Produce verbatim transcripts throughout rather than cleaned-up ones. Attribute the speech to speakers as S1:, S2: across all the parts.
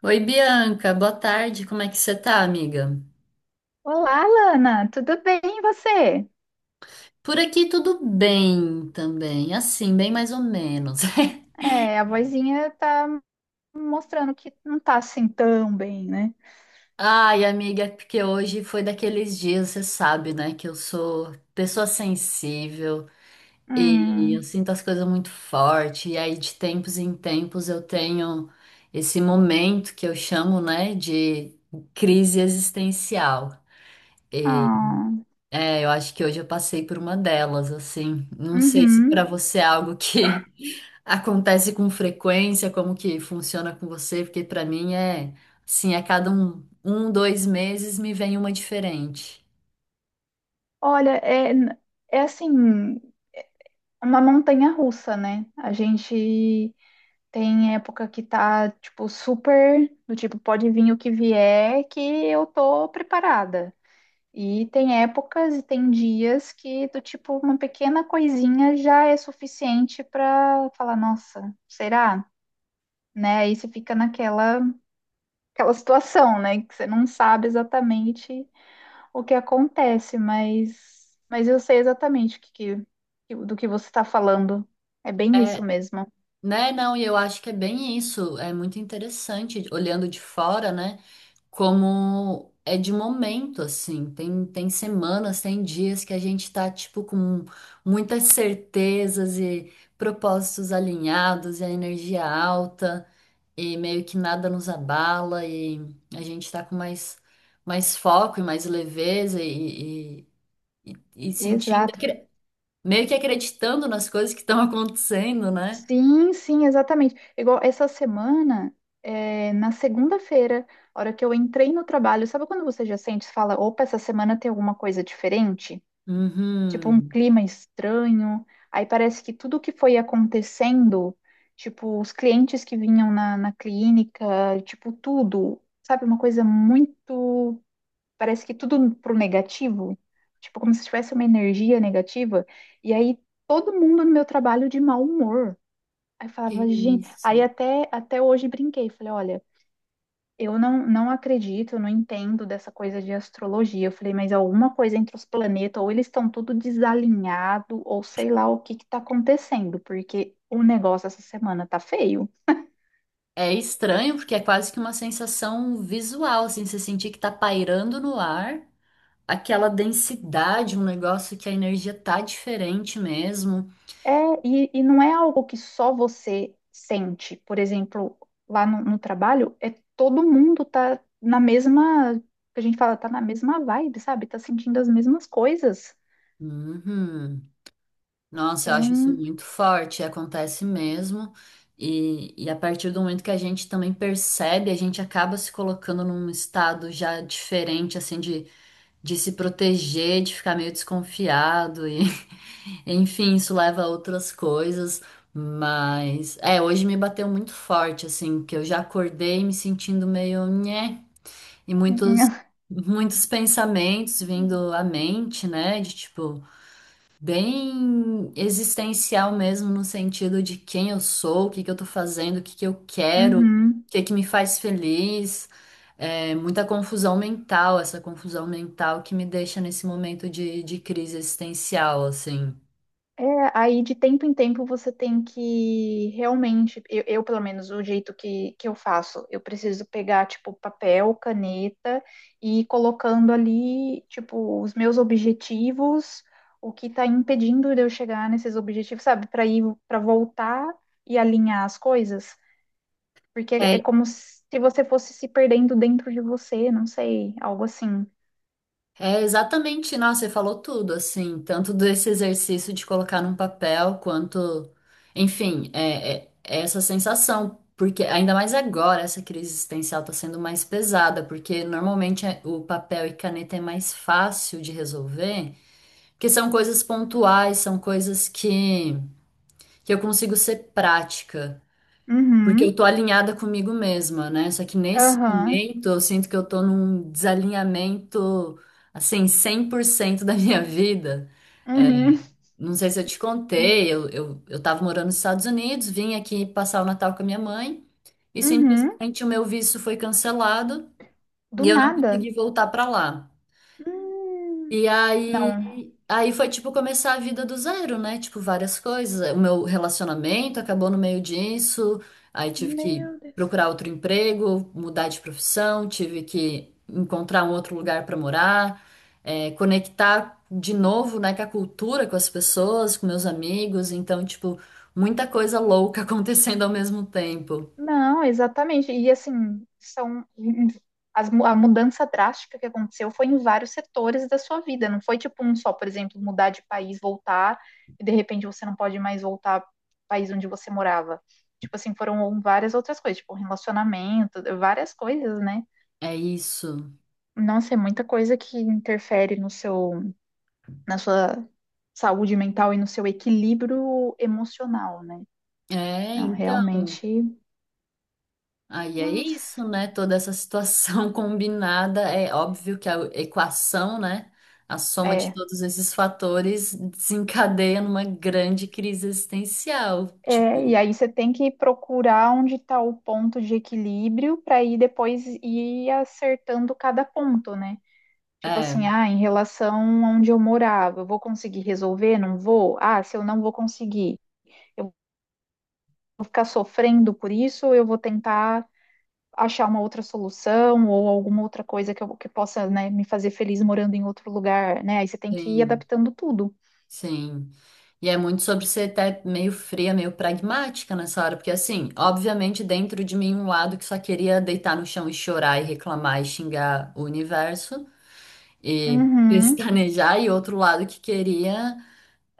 S1: Oi, Bianca, boa tarde. Como é que você tá, amiga?
S2: Olá, Lana, tudo bem e você?
S1: Por aqui tudo bem também, assim, bem mais ou menos.
S2: É, a vozinha tá mostrando que não tá assim tão bem, né?
S1: Ai, amiga, é porque hoje foi daqueles dias, você sabe, né, que eu sou pessoa sensível e eu
S2: Hum,
S1: sinto as coisas muito forte, e aí de tempos em tempos eu tenho esse momento que eu chamo, né, de crise existencial.
S2: ah,
S1: É, eu acho que hoje eu passei por uma delas, assim. Não sei se
S2: uhum.
S1: para você é algo que acontece com frequência, como que funciona com você, porque para mim é, assim, a cada um, um, dois meses me vem uma diferente.
S2: Olha, é, é assim, uma montanha russa, né? A gente tem época que tá, tipo, super, do tipo, pode vir o que vier, que eu tô preparada. E tem épocas e tem dias que do tipo uma pequena coisinha já é suficiente para falar, nossa, será? Né? Aí você fica naquela aquela situação, né, que você não sabe exatamente o que acontece, mas mas eu sei exatamente o que, que- do que você está falando. É bem isso
S1: É,
S2: mesmo.
S1: né? Não, e eu acho que é bem isso. É muito interessante olhando de fora, né? Como é de momento, assim. Tem, tem semanas, tem dias que a gente tá, tipo, com muitas certezas e propósitos alinhados e a energia alta e meio que nada nos abala e a gente tá com mais, mais foco e mais leveza e, e, e- e sentindo,
S2: Exato.
S1: acre- meio que acreditando nas coisas que estão acontecendo, né?
S2: Sim, sim, exatamente. Igual essa semana, é, na segunda-feira, a hora que eu entrei no trabalho, sabe quando você já sente, e fala, opa, essa semana tem alguma coisa diferente? Tipo, um
S1: Uhum.
S2: clima estranho. Aí parece que tudo que foi acontecendo, tipo, os clientes que vinham na, na clínica, tipo, tudo, sabe, uma coisa muito. Parece que tudo pro negativo. Tipo, como se tivesse uma energia negativa. E aí todo mundo no meu trabalho de mau humor. Aí eu
S1: Que
S2: falava, gente.
S1: isso.
S2: Aí até, até hoje brinquei. Falei, olha, eu não, não acredito, eu não entendo dessa coisa de astrologia. Eu falei, mas alguma coisa entre os planetas, ou eles estão tudo desalinhado, ou sei lá o que que tá acontecendo, porque o negócio essa semana tá feio.
S1: É estranho porque é quase que uma sensação visual, assim, você sentir que tá pairando no ar, aquela densidade, um negócio que a energia tá diferente mesmo.
S2: É, e, e não é algo que só você sente. Por exemplo, lá no, no trabalho, é todo mundo tá na mesma, que a gente fala, tá na mesma vibe, sabe? Tá sentindo as mesmas coisas.
S1: Uhum. Nossa, eu acho isso
S2: Então.
S1: muito forte, acontece mesmo. E, e a partir do momento que a gente também percebe, a gente acaba se colocando num estado já diferente, assim, de de se proteger, de ficar meio desconfiado e enfim, isso leva a outras coisas, mas é, hoje me bateu muito forte assim, que eu já acordei me sentindo meio nhé, e muitos muitos pensamentos vindo à mente, né, de tipo bem existencial mesmo, no sentido de quem eu sou, o que que eu tô fazendo, o que que eu quero, o
S2: Uhum.
S1: que que me faz feliz. É, muita confusão mental, essa confusão mental que me deixa nesse momento de, de crise existencial, assim.
S2: É, aí de tempo em tempo você tem que realmente, eu, eu, pelo menos o jeito que, que eu faço, eu preciso pegar tipo papel, caneta e ir colocando ali tipo os meus objetivos, o que está impedindo de eu chegar nesses objetivos, sabe? Para ir, para voltar e alinhar as coisas, porque é
S1: É,
S2: como se você fosse se perdendo dentro de você, não sei, algo assim.
S1: é exatamente, nossa, você falou tudo, assim, tanto desse exercício de colocar num papel, quanto, enfim, é, é- é essa sensação, porque ainda mais agora essa crise existencial está sendo mais pesada, porque normalmente é- o papel e caneta é mais fácil de resolver, porque são coisas pontuais, são coisas que, que eu consigo ser prática. Porque eu
S2: Uhum,
S1: tô alinhada comigo mesma, né? Só que nesse
S2: aham,
S1: momento eu sinto que eu tô num desalinhamento, assim, cem por cento da minha vida. É,
S2: uhum,
S1: não sei se eu te contei, eu, eu, eu tava morando nos Estados Unidos, vim aqui passar o Natal com a minha mãe e
S2: uhum.
S1: simplesmente o meu visto foi cancelado
S2: Do
S1: e eu não
S2: nada.
S1: consegui voltar para lá.
S2: Hum,
S1: E
S2: não.
S1: aí, aí foi tipo começar a vida do zero, né? Tipo, várias coisas. O meu relacionamento acabou no meio disso, aí tive que
S2: Meu Deus.
S1: procurar outro emprego, mudar de profissão, tive que encontrar um outro lugar para morar, é, conectar de novo, né, com a cultura, com as pessoas, com meus amigos. Então, tipo, muita coisa louca acontecendo ao mesmo tempo.
S2: Não, exatamente. E assim, são as mu- a mudança drástica que aconteceu foi em vários setores da sua vida. Não foi tipo um só, por exemplo, mudar de país, voltar, e de repente você não pode mais voltar para o país onde você morava. Tipo assim, foram várias outras coisas, tipo relacionamento, várias coisas, né?
S1: É isso.
S2: Nossa, é muita coisa que interfere no seu, na sua saúde mental e no seu equilíbrio emocional, né?
S1: É,
S2: Não,
S1: então.
S2: realmente.
S1: Aí é
S2: Nossa.
S1: isso, né? Toda essa situação combinada, é óbvio que a equação, né? A soma de
S2: É.
S1: todos esses fatores desencadeia numa grande crise existencial.
S2: É, e
S1: Tipo,
S2: aí você tem que procurar onde está o ponto de equilíbrio para ir depois ir acertando cada ponto, né? Tipo assim,
S1: é,
S2: ah, em relação a onde eu morava, eu vou conseguir resolver? Não vou? Ah, se eu não vou conseguir, eu vou ficar sofrendo por isso, eu vou tentar achar uma outra solução ou alguma outra coisa que, eu, que possa, né, me fazer feliz morando em outro lugar, né? Aí você tem que ir
S1: sim,
S2: adaptando tudo.
S1: sim. E é muito sobre ser até meio fria, meio pragmática nessa hora, porque assim, obviamente dentro de mim um lado que só queria deitar no chão e chorar e reclamar e xingar o universo e
S2: Uhum,
S1: pestanejar, e outro lado que queria.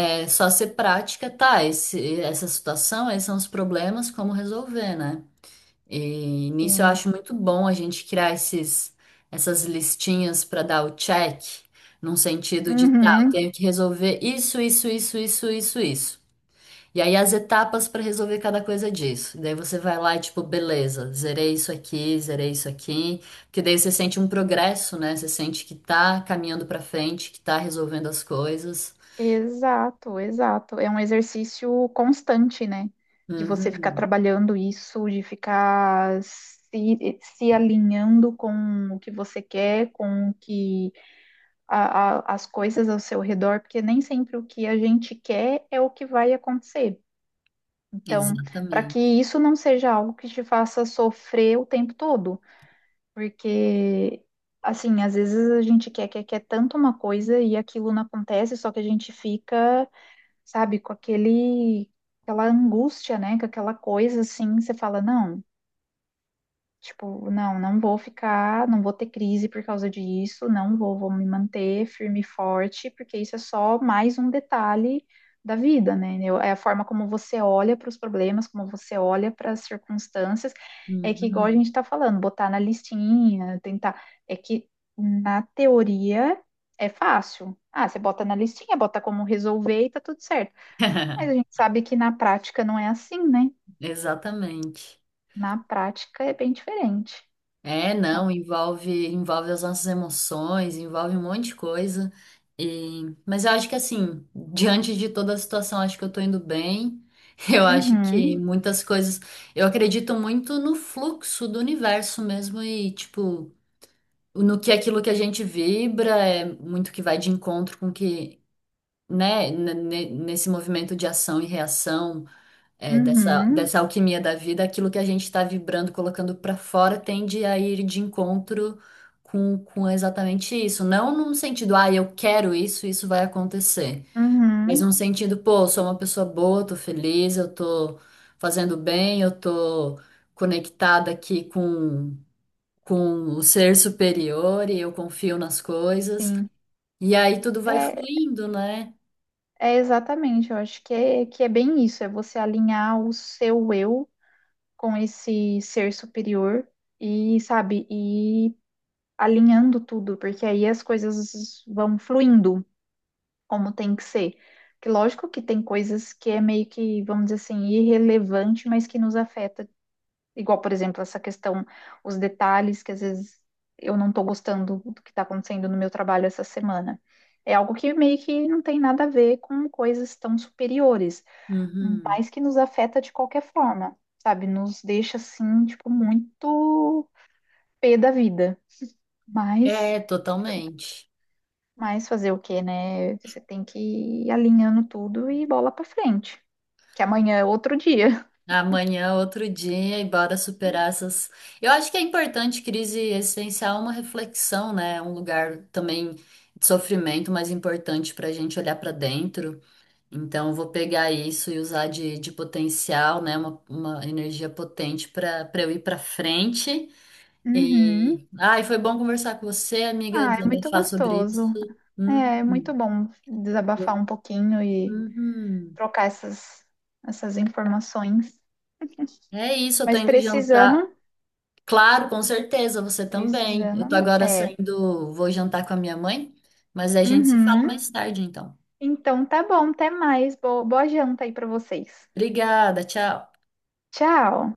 S1: É só ser prática, tá? Esse, essa situação, esses são os problemas, como resolver, né? E nisso eu
S2: sim.
S1: acho muito bom a gente criar esses, essas listinhas para dar o check, num sentido de, tá, eu
S2: Uhum.
S1: tenho que resolver isso, isso, isso, isso, isso, isso. E aí as etapas para resolver cada coisa disso. Daí você vai lá e tipo, beleza, zerei isso aqui, zerei isso aqui, porque daí você sente um progresso, né? Você sente que tá caminhando para frente, que tá resolvendo as coisas.
S2: Exato, exato. É um exercício constante, né? De você ficar
S1: Uhum.
S2: trabalhando isso, de ficar se, se alinhando com o que você quer, com o que a- a- as coisas ao seu redor, porque nem sempre o que a gente quer é o que vai acontecer. Então, para que
S1: Exatamente.
S2: isso não seja algo que te faça sofrer o tempo todo, porque assim, às vezes a gente quer, quer, quer tanto uma coisa e aquilo não acontece, só que a gente fica sabe? Com aquele, aquela angústia, né? Com aquela coisa assim, você fala, não, tipo, não, não vou ficar, não vou ter crise por causa disso, não vou, vou me manter firme e forte, porque isso é só mais um detalhe da vida, né? Eu- é a forma como você olha para os problemas, como você olha para as circunstâncias, é que igual a
S1: Uhum.
S2: gente está falando, botar na listinha, tentar, é que na teoria é fácil. Ah, você bota na listinha, bota como resolver e tá tudo certo. Mas a gente sabe que na prática não é assim, né?
S1: Exatamente.
S2: Na prática é bem diferente.
S1: É,
S2: Na-
S1: não, envolve, envolve as nossas emoções, envolve um monte de coisa. E... mas eu acho que assim, diante de toda a situação, acho que eu tô indo bem. Eu acho que
S2: Uhum,
S1: muitas coisas. Eu acredito muito no fluxo do universo mesmo e, tipo, no que aquilo que a gente vibra é muito que vai de encontro com que, né, n- n- nesse movimento de ação e reação. É, dessa,
S2: uhum,
S1: dessa alquimia da vida, aquilo que a gente está vibrando, colocando para fora, tende a ir de encontro com, com exatamente isso. Não num sentido, ah, eu quero isso, isso vai acontecer. Mas
S2: uhum,
S1: num sentido, pô, eu sou uma pessoa boa, tô feliz, eu tô fazendo bem, eu tô conectada aqui com, com o ser superior e eu confio nas coisas.
S2: sim.
S1: E aí tudo vai
S2: É,
S1: fluindo, né?
S2: é exatamente, eu acho que é, que é bem isso, é você alinhar o seu eu com esse ser superior e, sabe, e alinhando tudo, porque aí as coisas vão fluindo como tem que ser. Que lógico que tem coisas que é meio que, vamos dizer assim, irrelevante, mas que nos afeta. Igual, por exemplo, essa questão, os detalhes que às vezes eu não estou gostando do que está acontecendo no meu trabalho essa semana. É algo que meio que não tem nada a ver com coisas tão superiores,
S1: Uhum.
S2: mas que nos afeta de qualquer forma, sabe? Nos deixa assim, tipo, muito pé da vida. Mas,
S1: É, totalmente.
S2: mas fazer o quê, né? Você tem que ir alinhando tudo e bola pra frente, que amanhã é outro dia.
S1: Amanhã, outro dia, e bora superar essas. Eu acho que é importante crise existencial, é uma reflexão, né? É um lugar também de sofrimento, mas importante para a gente olhar para dentro. Então, eu vou pegar isso e usar de, de potencial, né? Uma, uma energia potente para para eu ir para frente.
S2: Uhum.
S1: E. Ai, foi bom conversar com você, amiga,
S2: Ah, é muito
S1: desabafar sobre
S2: gostoso.
S1: isso.
S2: É, é muito
S1: Uhum.
S2: bom
S1: Eu-
S2: desabafar um pouquinho e
S1: uhum.
S2: trocar essas, essas informações.
S1: É isso, eu tô
S2: Mas
S1: indo jantar.
S2: precisando,
S1: Claro, com certeza, você também. Eu tô
S2: precisando,
S1: agora
S2: é.
S1: saindo, vou jantar com a minha mãe, mas a gente se fala
S2: Uhum.
S1: mais tarde, então.
S2: Então tá bom, até mais. Boa, boa janta aí pra vocês.
S1: Obrigada, tchau.
S2: Tchau.